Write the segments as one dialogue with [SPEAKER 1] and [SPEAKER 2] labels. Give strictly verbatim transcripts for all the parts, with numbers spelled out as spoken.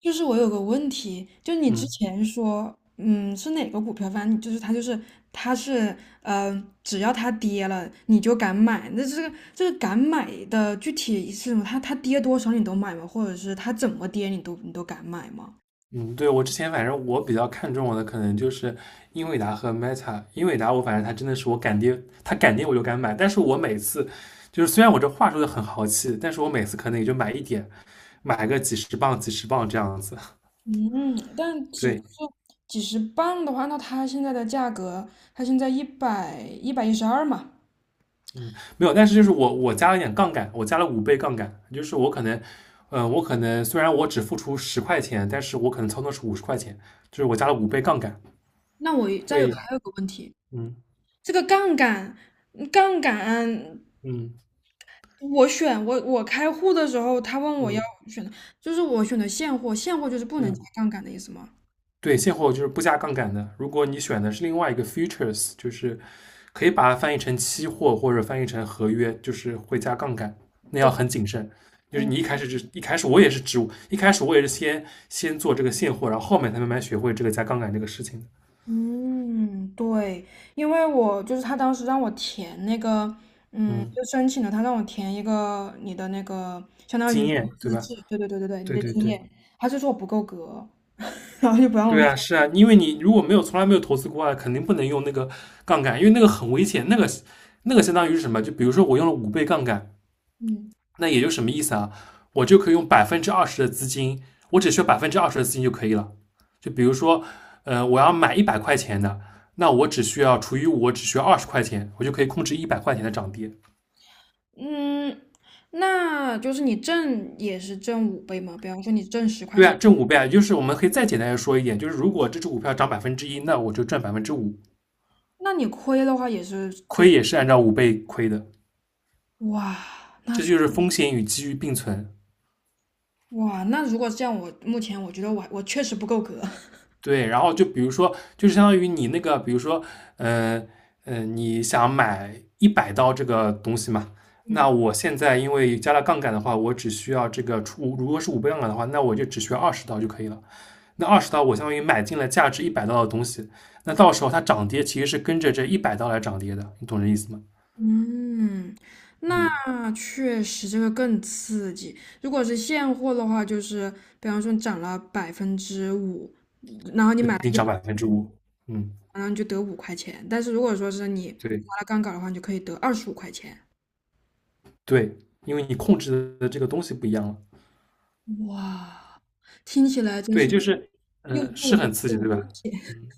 [SPEAKER 1] 就是我有个问题，就你之
[SPEAKER 2] 嗯
[SPEAKER 1] 前说，嗯，是哪个股票？反正你就是它，就是它是，嗯，只要它跌了，你就敢买。那这个这个敢买的具体是什么？它它跌多少你都买吗？或者是它怎么跌你都你都敢买吗？
[SPEAKER 2] 嗯，对，我之前反正我比较看重我的可能就是英伟达和 Meta。英伟达我反正它真的是我敢跌，它敢跌我就敢买，但是我每次就是虽然我这话说的很豪气，但是我每次可能也就买一点，买个几十磅几十磅这样子。
[SPEAKER 1] 嗯，但几
[SPEAKER 2] 对，
[SPEAKER 1] 就几十磅的话，那它现在的价格，它现在一百一百一十二嘛。
[SPEAKER 2] 嗯，没有，但是就是我我加了一点杠杆，我加了五倍杠杆，就是我可能，呃，我可能虽然我只付出十块钱，但是我可能操作是五十块钱，就是我加了五倍杠杆。
[SPEAKER 1] 那我再有
[SPEAKER 2] 会，
[SPEAKER 1] 还有个问题，
[SPEAKER 2] 嗯
[SPEAKER 1] 这个杠杆，嗯杠杆
[SPEAKER 2] 嗯
[SPEAKER 1] 我选我我开户的时候，他问我要
[SPEAKER 2] 嗯
[SPEAKER 1] 选的，就是我选的现货，现货就是不能加
[SPEAKER 2] 嗯，
[SPEAKER 1] 杠杆的意思吗？
[SPEAKER 2] 对，现货就是不加杠杆的。如果你选的是另外一个 futures，就是可以把它翻译成期货或者翻译成合约，就是会加杠杆，那要
[SPEAKER 1] 就
[SPEAKER 2] 很谨慎。就是你
[SPEAKER 1] 哦，
[SPEAKER 2] 一开始就一开始我也是植物，一开始我也是先先做这个现货，然后后面才慢慢学会这个加杠杆这个事情的。
[SPEAKER 1] 嗯，对。因为我就是他当时让我填那个，嗯，
[SPEAKER 2] 嗯，
[SPEAKER 1] 就申请了，他让我填一个你的那个，相当
[SPEAKER 2] 经
[SPEAKER 1] 于
[SPEAKER 2] 验对
[SPEAKER 1] 资
[SPEAKER 2] 吧？
[SPEAKER 1] 质，对对对对对，你
[SPEAKER 2] 对
[SPEAKER 1] 的
[SPEAKER 2] 对
[SPEAKER 1] 经
[SPEAKER 2] 对，
[SPEAKER 1] 验，他就说我不够格，然后就不让我
[SPEAKER 2] 对
[SPEAKER 1] 选
[SPEAKER 2] 啊，是 啊，因为你如果没有从来没有投资过啊，肯定不能用那个杠杆，因为那个很危险，那个那个相当于是什么？就比如说我用了五倍杠杆，
[SPEAKER 1] 嗯
[SPEAKER 2] 那也就什么意思啊？我就可以用百分之二十的资金，我只需要百分之二十的资金就可以了。就比如说，呃，我要买一百块钱的，那我只需要除以五，我只需要二十块钱，我就可以控制一百块钱的涨跌。
[SPEAKER 1] 嗯，那就是你挣也是挣五倍嘛，比方说你挣十块
[SPEAKER 2] 对
[SPEAKER 1] 钱，
[SPEAKER 2] 啊，挣五倍啊，就是我们可以再简单的说一点，就是如果这只股票涨百分之一，那我就赚百分之五，
[SPEAKER 1] 那你亏的话也是。就。
[SPEAKER 2] 亏也是按照五倍亏的。
[SPEAKER 1] 哇，那
[SPEAKER 2] 这
[SPEAKER 1] 确
[SPEAKER 2] 就是风险与机遇并存。
[SPEAKER 1] 哇，那如果是这样，我目前我觉得我我确实不够格。
[SPEAKER 2] 对，然后就比如说，就是相当于你那个，比如说，呃呃，你想买一百刀这个东西嘛？那 我现在因为加了杠杆的话，我只需要这个出，如果是五倍杠杆的话，那我就只需要二十刀就可以了。那二十刀我相当于买进了价值一百刀的东西，那到时候它涨跌其实是跟着这一百刀来涨跌的，你懂这意思吗？
[SPEAKER 1] 嗯，嗯，
[SPEAKER 2] 嗯，
[SPEAKER 1] 那确实这个更刺激。如果是现货的话，就是比方说你涨了百分之五，然后你
[SPEAKER 2] 那
[SPEAKER 1] 买了
[SPEAKER 2] 定
[SPEAKER 1] 一百，
[SPEAKER 2] 涨百分之五。嗯，
[SPEAKER 1] 然后你就得五块钱。但是如果说是你
[SPEAKER 2] 对
[SPEAKER 1] 划了杠杆的话，你就可以得二十五块钱。
[SPEAKER 2] 对，因为你控制的这个东西不一样了。
[SPEAKER 1] 哇，听起来真
[SPEAKER 2] 对，
[SPEAKER 1] 是
[SPEAKER 2] 就是
[SPEAKER 1] 又
[SPEAKER 2] 嗯、呃
[SPEAKER 1] 又
[SPEAKER 2] 是
[SPEAKER 1] 又
[SPEAKER 2] 很刺
[SPEAKER 1] 又
[SPEAKER 2] 激，对
[SPEAKER 1] 危
[SPEAKER 2] 吧？
[SPEAKER 1] 险，
[SPEAKER 2] 嗯。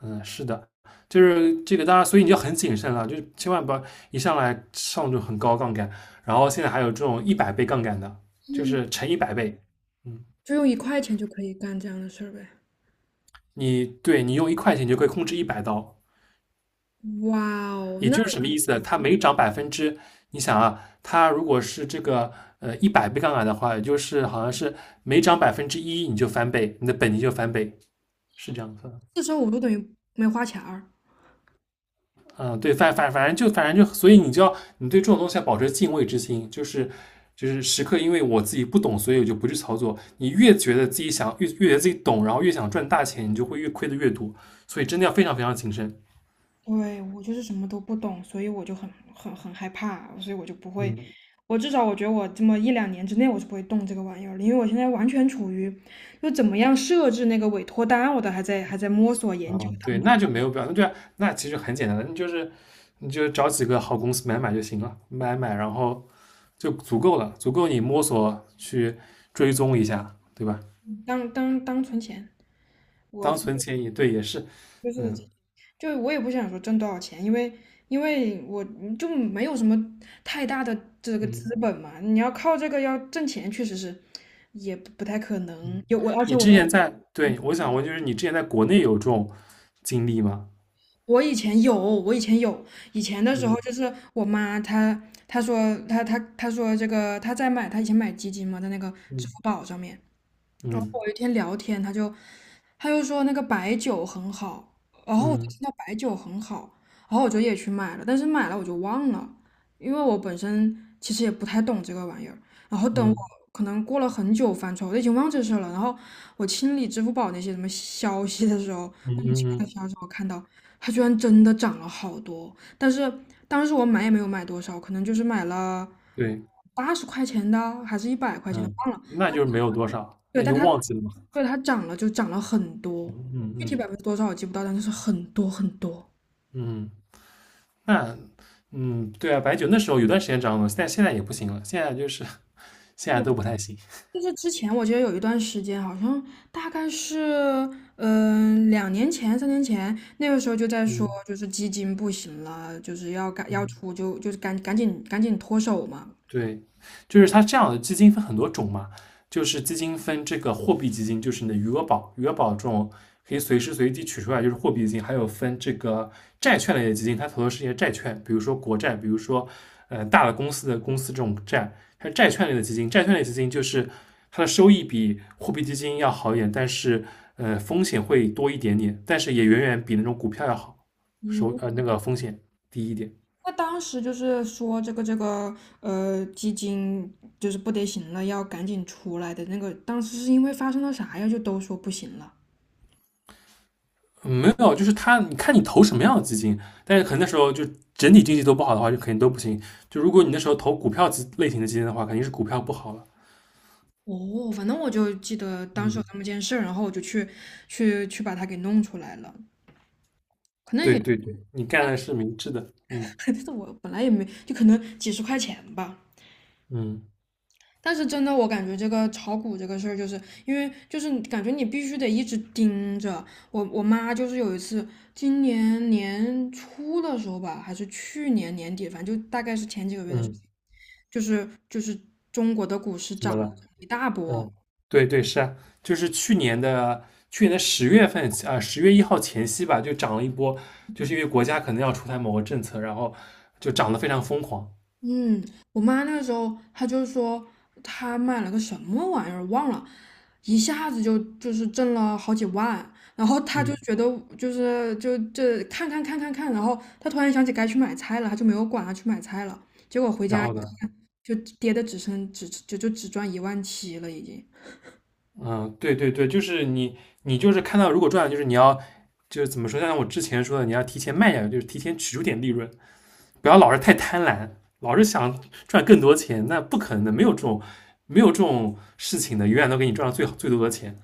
[SPEAKER 2] 嗯，是的，就是这个，大家所以你要很谨慎了，就是千万不要一上来上这种很高杠杆，然后现在还有这种一百倍杠杆的，就是乘一百倍。嗯，
[SPEAKER 1] 就用一块钱就可以干这样的事儿呗。
[SPEAKER 2] 你对你用一块钱你就可以控制一百刀，
[SPEAKER 1] 哇哦，
[SPEAKER 2] 也
[SPEAKER 1] 那。
[SPEAKER 2] 就是什么意思呢？它每涨百分之，你想啊，它如果是这个呃一百倍杠杆的话，也就是好像是每涨百分之一你就翻倍，你的本金就翻倍，是这样子的。
[SPEAKER 1] 四时五我就等于没花钱儿。
[SPEAKER 2] 嗯，对，反反反正就反正就，所以你就要你对这种东西要保持敬畏之心，就是就是时刻，因为我自己不懂，所以我就不去操作。你越觉得自己想越越觉得自己懂，然后越想赚大钱，你就会越亏的越多。所以真的要非常非常谨慎。
[SPEAKER 1] 对，我就是什么都不懂，所以我就很很很害怕，所以我就不会，
[SPEAKER 2] 嗯
[SPEAKER 1] 我至少我觉得我这么一两年之内我是不会动这个玩意儿的，因为我现在完全处于就怎么样设置那个委托单，我都还在还在摸索研究。
[SPEAKER 2] 嗯，对，那就没有必要，那就那其实很简单的，你就是你就找几个好公司买买就行了，买买然后就足够了，足够你摸索去追踪一下，对吧？
[SPEAKER 1] 当当当当存钱。我
[SPEAKER 2] 当存钱也对，也是。
[SPEAKER 1] 就是
[SPEAKER 2] 嗯。
[SPEAKER 1] 就我也不想说挣多少钱，因为因为我就没有什么太大的这个资
[SPEAKER 2] 嗯。
[SPEAKER 1] 本嘛，你要靠这个要挣钱，确实是也不不太可能，有我而且
[SPEAKER 2] 你
[SPEAKER 1] 我
[SPEAKER 2] 之前
[SPEAKER 1] 又
[SPEAKER 2] 在，对，我想问，就是你之前在国内有这种经历吗？
[SPEAKER 1] 我以前有，我以前有，以前的时候就
[SPEAKER 2] 嗯
[SPEAKER 1] 是我妈她她说她她她说这个她在买她以前买基金嘛，在那个支付
[SPEAKER 2] 嗯
[SPEAKER 1] 宝上面。然后
[SPEAKER 2] 嗯
[SPEAKER 1] 有一天聊天，他就他就说那个白酒很好，然后我就
[SPEAKER 2] 嗯
[SPEAKER 1] 听到白酒很好，然后我就也去买了，但是买了我就忘了，因为我本身其实也不太懂这个玩意儿。然后等我
[SPEAKER 2] 嗯
[SPEAKER 1] 可能过了很久翻出来，我都已经忘这事儿了。然后我清理支付宝那些什么消息的时候，
[SPEAKER 2] 嗯
[SPEAKER 1] 莫名其
[SPEAKER 2] 嗯
[SPEAKER 1] 妙的
[SPEAKER 2] 嗯，
[SPEAKER 1] 消息我看到它居然真的涨了好多，但是当时我买也没有买多少，可能就是买了
[SPEAKER 2] 对，
[SPEAKER 1] 八十块钱的还是一百块钱的，
[SPEAKER 2] 嗯，
[SPEAKER 1] 忘了。
[SPEAKER 2] 那就是没有多少，
[SPEAKER 1] 对，
[SPEAKER 2] 那你
[SPEAKER 1] 但
[SPEAKER 2] 就
[SPEAKER 1] 它
[SPEAKER 2] 忘记了嘛。
[SPEAKER 1] 对，它涨了，就涨了很多，
[SPEAKER 2] 嗯
[SPEAKER 1] 具体
[SPEAKER 2] 嗯
[SPEAKER 1] 百分之多少我记不到，但就是很多很多。
[SPEAKER 2] 嗯，那嗯，对啊，白酒那时候有段时间涨了，现在现在也不行了，现在就是 现在
[SPEAKER 1] 对，
[SPEAKER 2] 都不太行。
[SPEAKER 1] 就是之前我记得有一段时间，好像大概是嗯、两年前、三年前，那个时候就在说，
[SPEAKER 2] 嗯
[SPEAKER 1] 就是基金不行了，就是要赶要
[SPEAKER 2] 嗯。
[SPEAKER 1] 出就就是赶赶紧赶紧脱手嘛。
[SPEAKER 2] 对，就是它这样的基金分很多种嘛，就是基金分这个货币基金，就是你的余额宝，余额宝这种可以随时随地取出来，就是货币基金，还有分这个债券类的基金，它投的是一些债券，比如说国债，比如说呃大的公司的公司这种债，它是债券类的基金，债券类基金就是它的收益比货币基金要好一点，但是呃风险会多一点点，但是也远远比那种股票要好，收
[SPEAKER 1] 嗯，
[SPEAKER 2] 呃那个风险低一点。
[SPEAKER 1] 那当时就是说这个这个呃基金就是不得行了，要赶紧出来的那个，当时是因为发生了啥呀？就都说不行了。
[SPEAKER 2] 嗯，没有，就是他，你看你投什么样的基金，但是可能那时候就整体经济都不好的话，就肯定都不行。就如果你那时候投股票基类型的基金的话，肯定是股票不好了。
[SPEAKER 1] 哦，反正我就记得当时
[SPEAKER 2] 嗯，
[SPEAKER 1] 有那么件事儿，然后我就去去去把它给弄出来了。可能
[SPEAKER 2] 对
[SPEAKER 1] 也，
[SPEAKER 2] 对对，你干的是明智的。嗯
[SPEAKER 1] 但是我本来也没，就可能几十块钱吧。
[SPEAKER 2] 嗯
[SPEAKER 1] 但是真的，我感觉这个炒股这个事儿，就是因为就是感觉你必须得一直盯着。我我妈就是有一次，今年年初的时候吧，还是去年年底，反正就大概是前几个月的事
[SPEAKER 2] 嗯，
[SPEAKER 1] 情，就是就是中国的股市
[SPEAKER 2] 怎么
[SPEAKER 1] 涨了
[SPEAKER 2] 了？
[SPEAKER 1] 一大波。
[SPEAKER 2] 嗯，对对，是啊，就是去年的去年的十月份啊，十、月一号前夕吧，就涨了一波，就是因为国家可能要出台某个政策，然后就涨得非常疯狂。
[SPEAKER 1] 嗯，我妈那个时候她就说她买了个什么玩意儿忘了，一下子就就是挣了好几万，然后她就
[SPEAKER 2] 嗯，
[SPEAKER 1] 觉得就是就这看看看看看，然后她突然想起该去买菜了，她就没有管她去买菜了，结果回
[SPEAKER 2] 然
[SPEAKER 1] 家
[SPEAKER 2] 后呢？
[SPEAKER 1] 就跌的只剩只就就只赚一万七了已经。
[SPEAKER 2] 嗯，对对对，就是你，你就是看到如果赚了，就是你要，就是怎么说？像我之前说的，你要提前卖掉，就是提前取出点利润，不要老是太贪婪，老是想赚更多钱，那不可能的，没有这种没有这种事情的，永远都给你赚到最好最多的钱。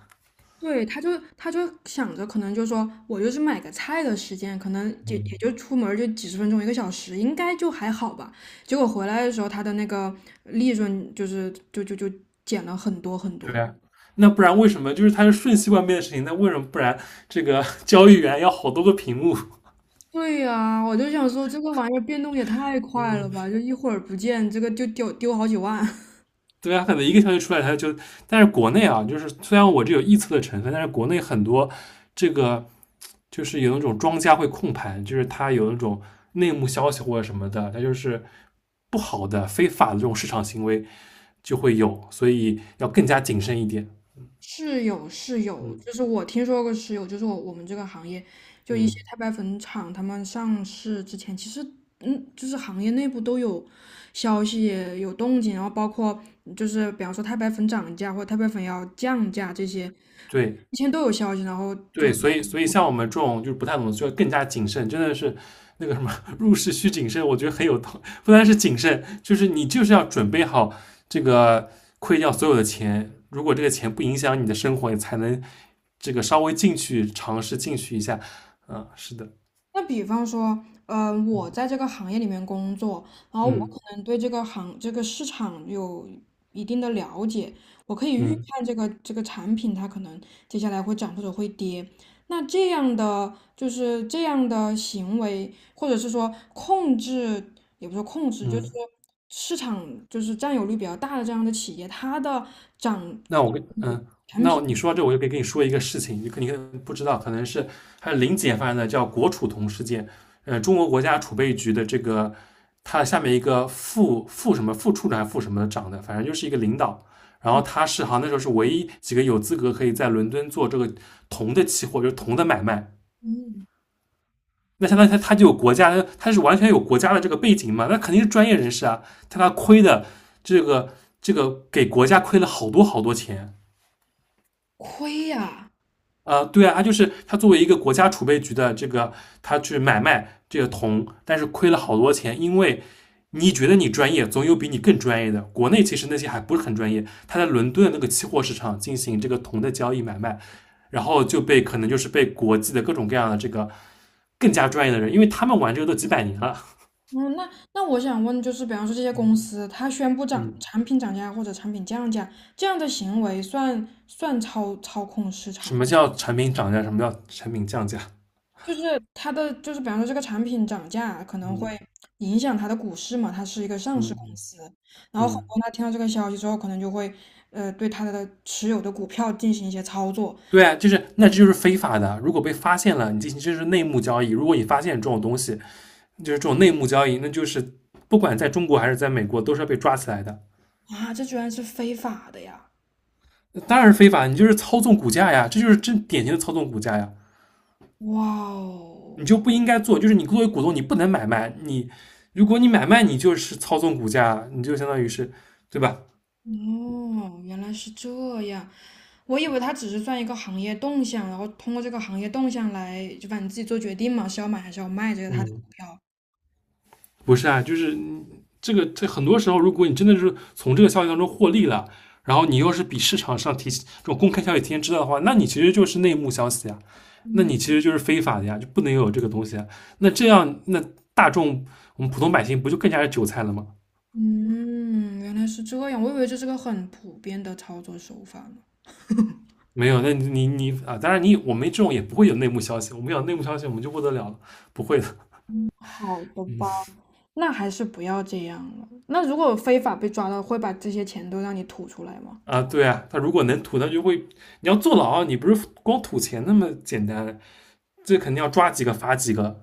[SPEAKER 1] 对，他就他就想着，可能就说我就是买个菜的时间，可能也
[SPEAKER 2] 嗯，
[SPEAKER 1] 也就出门儿就几十分钟一个小时，应该就还好吧。结果回来的时候，他的那个利润就是就就就减了很多很多。
[SPEAKER 2] 对啊，那不然为什么就是它是瞬息万变的事情？那为什么不然这个 交易员要好多个屏幕？
[SPEAKER 1] 对呀，我就想说这个玩意儿变动也太快了
[SPEAKER 2] 嗯，
[SPEAKER 1] 吧，就一会儿不见，这个就丢丢好几万。
[SPEAKER 2] 对啊，可能一个消息出来，它就，但是国内啊，就是虽然我这有臆测的成分，但是国内很多这个就是有那种庄家会控盘，就是它有那种内幕消息或者什么的，它就是不好的、非法的这种市场行为就会有，所以要更加谨慎一点。
[SPEAKER 1] 是有是有，
[SPEAKER 2] 嗯
[SPEAKER 1] 就是我听说过是有，就是我我们这个行业，就一些
[SPEAKER 2] 嗯，
[SPEAKER 1] 太白粉厂，他们上市之前，其实嗯，就是行业内部都有消息有动静，然后包括就是比方说太白粉涨价或者太白粉要降价这些，
[SPEAKER 2] 对，
[SPEAKER 1] 以前都有消息，然后就。
[SPEAKER 2] 对，所以所以像我们这种就是不太懂的，就要更加谨慎，真的是那个什么入市需谨慎，我觉得很有道，不单是谨慎，就是你就是要准备好这个亏掉所有的钱，如果这个钱不影响你的生活，你才能这个稍微进去尝试进去一下。啊，是的，
[SPEAKER 1] 那比方说，呃，我在这个行业里面工作，然后我
[SPEAKER 2] 嗯
[SPEAKER 1] 可能对这个行这个市场有一定的了解，我可以预
[SPEAKER 2] 嗯
[SPEAKER 1] 判这个这个产品它可能接下来会涨或者会跌。那这样的就是这样的行为，或者是说控制，也不是说控制，就是说
[SPEAKER 2] 嗯。
[SPEAKER 1] 市场就是占有率比较大的这样的企业，它的涨。
[SPEAKER 2] 那我跟嗯，那你说到这，我就可以跟你说一个事情，你可你可能不知道，可能是还有零几年发生的，叫国储铜事件。呃，中国国家储备局的这个，他下面一个副副什么副处长还副什么长的，反正就是一个领导。然后
[SPEAKER 1] 嗯
[SPEAKER 2] 他是好像那时候是唯一几个有资格可以在伦敦做这个铜的期货，就是铜的买卖。
[SPEAKER 1] 嗯，
[SPEAKER 2] 那相当于他他就有国家，他是完全有国家的这个背景嘛，那肯定是专业人士啊。但他亏的这个这个给国家亏了好多好多钱。
[SPEAKER 1] 亏呀、
[SPEAKER 2] 呃，对啊，他就是他作为一个国家储备局的这个，他去买卖这个铜，但是亏了好多钱，因为你觉得你专业，总有比你更专业的。国内其实那些还不是很专业，他在伦敦那个期货市场进行这个铜的交易买卖，然后就被可能就是被国际的各种各样的这个更加专业的人，因为他们玩这个都几百年了。
[SPEAKER 1] 嗯，那那我想问，就是比方说这些公司，它宣布涨
[SPEAKER 2] 嗯，
[SPEAKER 1] 产品涨价或者产品降价，这样的行为算算操操控市 场
[SPEAKER 2] 什么
[SPEAKER 1] 吗？
[SPEAKER 2] 叫产品涨价，什么叫产品降价，
[SPEAKER 1] 就是它的，就是比方说这个产品涨价可能会
[SPEAKER 2] 嗯
[SPEAKER 1] 影响它的股市嘛，它是一个上
[SPEAKER 2] 嗯
[SPEAKER 1] 市公
[SPEAKER 2] 嗯
[SPEAKER 1] 司，然后很
[SPEAKER 2] 嗯，
[SPEAKER 1] 多
[SPEAKER 2] 嗯，
[SPEAKER 1] 人他听到这个消息之后，可能就会呃对他的持有的股票进行一些操作。
[SPEAKER 2] 对啊，就是那这就是非法的。如果被发现了，你进行就是内幕交易。如果你发现这种东西，就是这种内幕交易，那就是不管在中国还是在美国，都是要被抓起来的。
[SPEAKER 1] 啊，这居然是非法的呀！
[SPEAKER 2] 当然是非法，你就是操纵股价呀，这就是真典型的操纵股价呀。
[SPEAKER 1] 哇
[SPEAKER 2] 你
[SPEAKER 1] 哦，
[SPEAKER 2] 就不应该做，就是你作为股东，你不能买卖。你如果你买卖，你就是操纵股价，你就相当于是，对吧？
[SPEAKER 1] 哦，原来是这样。我以为它只是算一个行业动向，然后通过这个行业动向来，就反正自己做决定嘛，是要买还是要卖这个它的股
[SPEAKER 2] 嗯，
[SPEAKER 1] 票。
[SPEAKER 2] 不是啊，就是嗯这个这很多时候，如果你真的是从这个消息当中获利了，然后你又是比市场上提这种公开消息提前知道的话，那你其实就是内幕消息啊，那你其实就是非法的呀，就不能有这个东西啊。那这样，那大众我们普通百姓不就更加是韭菜了吗？
[SPEAKER 1] 嗯，原来是这样，我以为这是个很普遍的操作手法呢。
[SPEAKER 2] 没有，那你你啊，当然你我们这种也不会有内幕消息，我们有内幕消息我们就不得了了，不会的。
[SPEAKER 1] 好的吧，那还是不要这样了。那如果非法被抓到，会把这些钱都让你吐出来吗？
[SPEAKER 2] 啊，对啊，他如果能吐，他就会，你要坐牢，你不是光吐钱那么简单，这肯定要抓几个罚几个，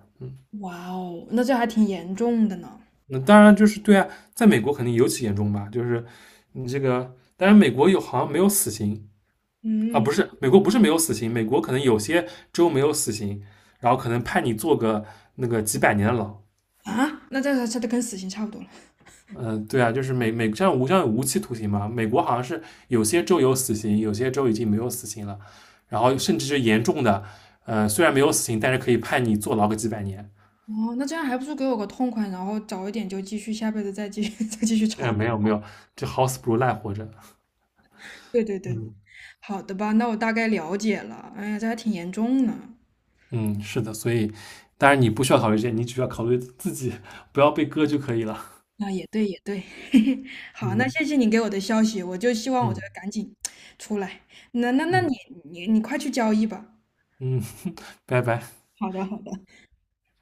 [SPEAKER 1] 哇哦，那这还挺严重的呢。
[SPEAKER 2] 那当然就是对啊，在美国肯定尤其严重吧，就是你这个，当然美国有好像没有死刑。啊，不
[SPEAKER 1] 嗯，
[SPEAKER 2] 是美国不是没有死刑，美国可能有些州没有死刑，然后可能判你坐个那个几百年的牢。
[SPEAKER 1] 啊，那这这这跟死刑差不多了。
[SPEAKER 2] 嗯，对啊，就是美美像无像有无期徒刑嘛，美国好像是有些州有死刑，有些州已经没有死刑了，然后甚至是严重的，呃，虽然没有死刑，但是可以判你坐牢个几百年。
[SPEAKER 1] 哦，那这样还不如给我个痛快，然后早一点就继续，下辈子再继续 再继续
[SPEAKER 2] 呃，
[SPEAKER 1] 炒。
[SPEAKER 2] 没有没有，这好死不如赖活着。
[SPEAKER 1] 对对对。
[SPEAKER 2] 嗯，
[SPEAKER 1] 好的吧，那我大概了解了。哎呀，这还挺严重呢。
[SPEAKER 2] 嗯，是的，所以当然你不需要考虑这些，你只需要考虑自己不要被割就可以了。
[SPEAKER 1] 那也对，也对。好，那
[SPEAKER 2] 嗯
[SPEAKER 1] 谢谢你给我的消息，我就希望我这
[SPEAKER 2] 嗯
[SPEAKER 1] 个赶紧出来。那那那你
[SPEAKER 2] 嗯
[SPEAKER 1] 你你快去交易吧。
[SPEAKER 2] 嗯，拜拜。
[SPEAKER 1] 好的，好的。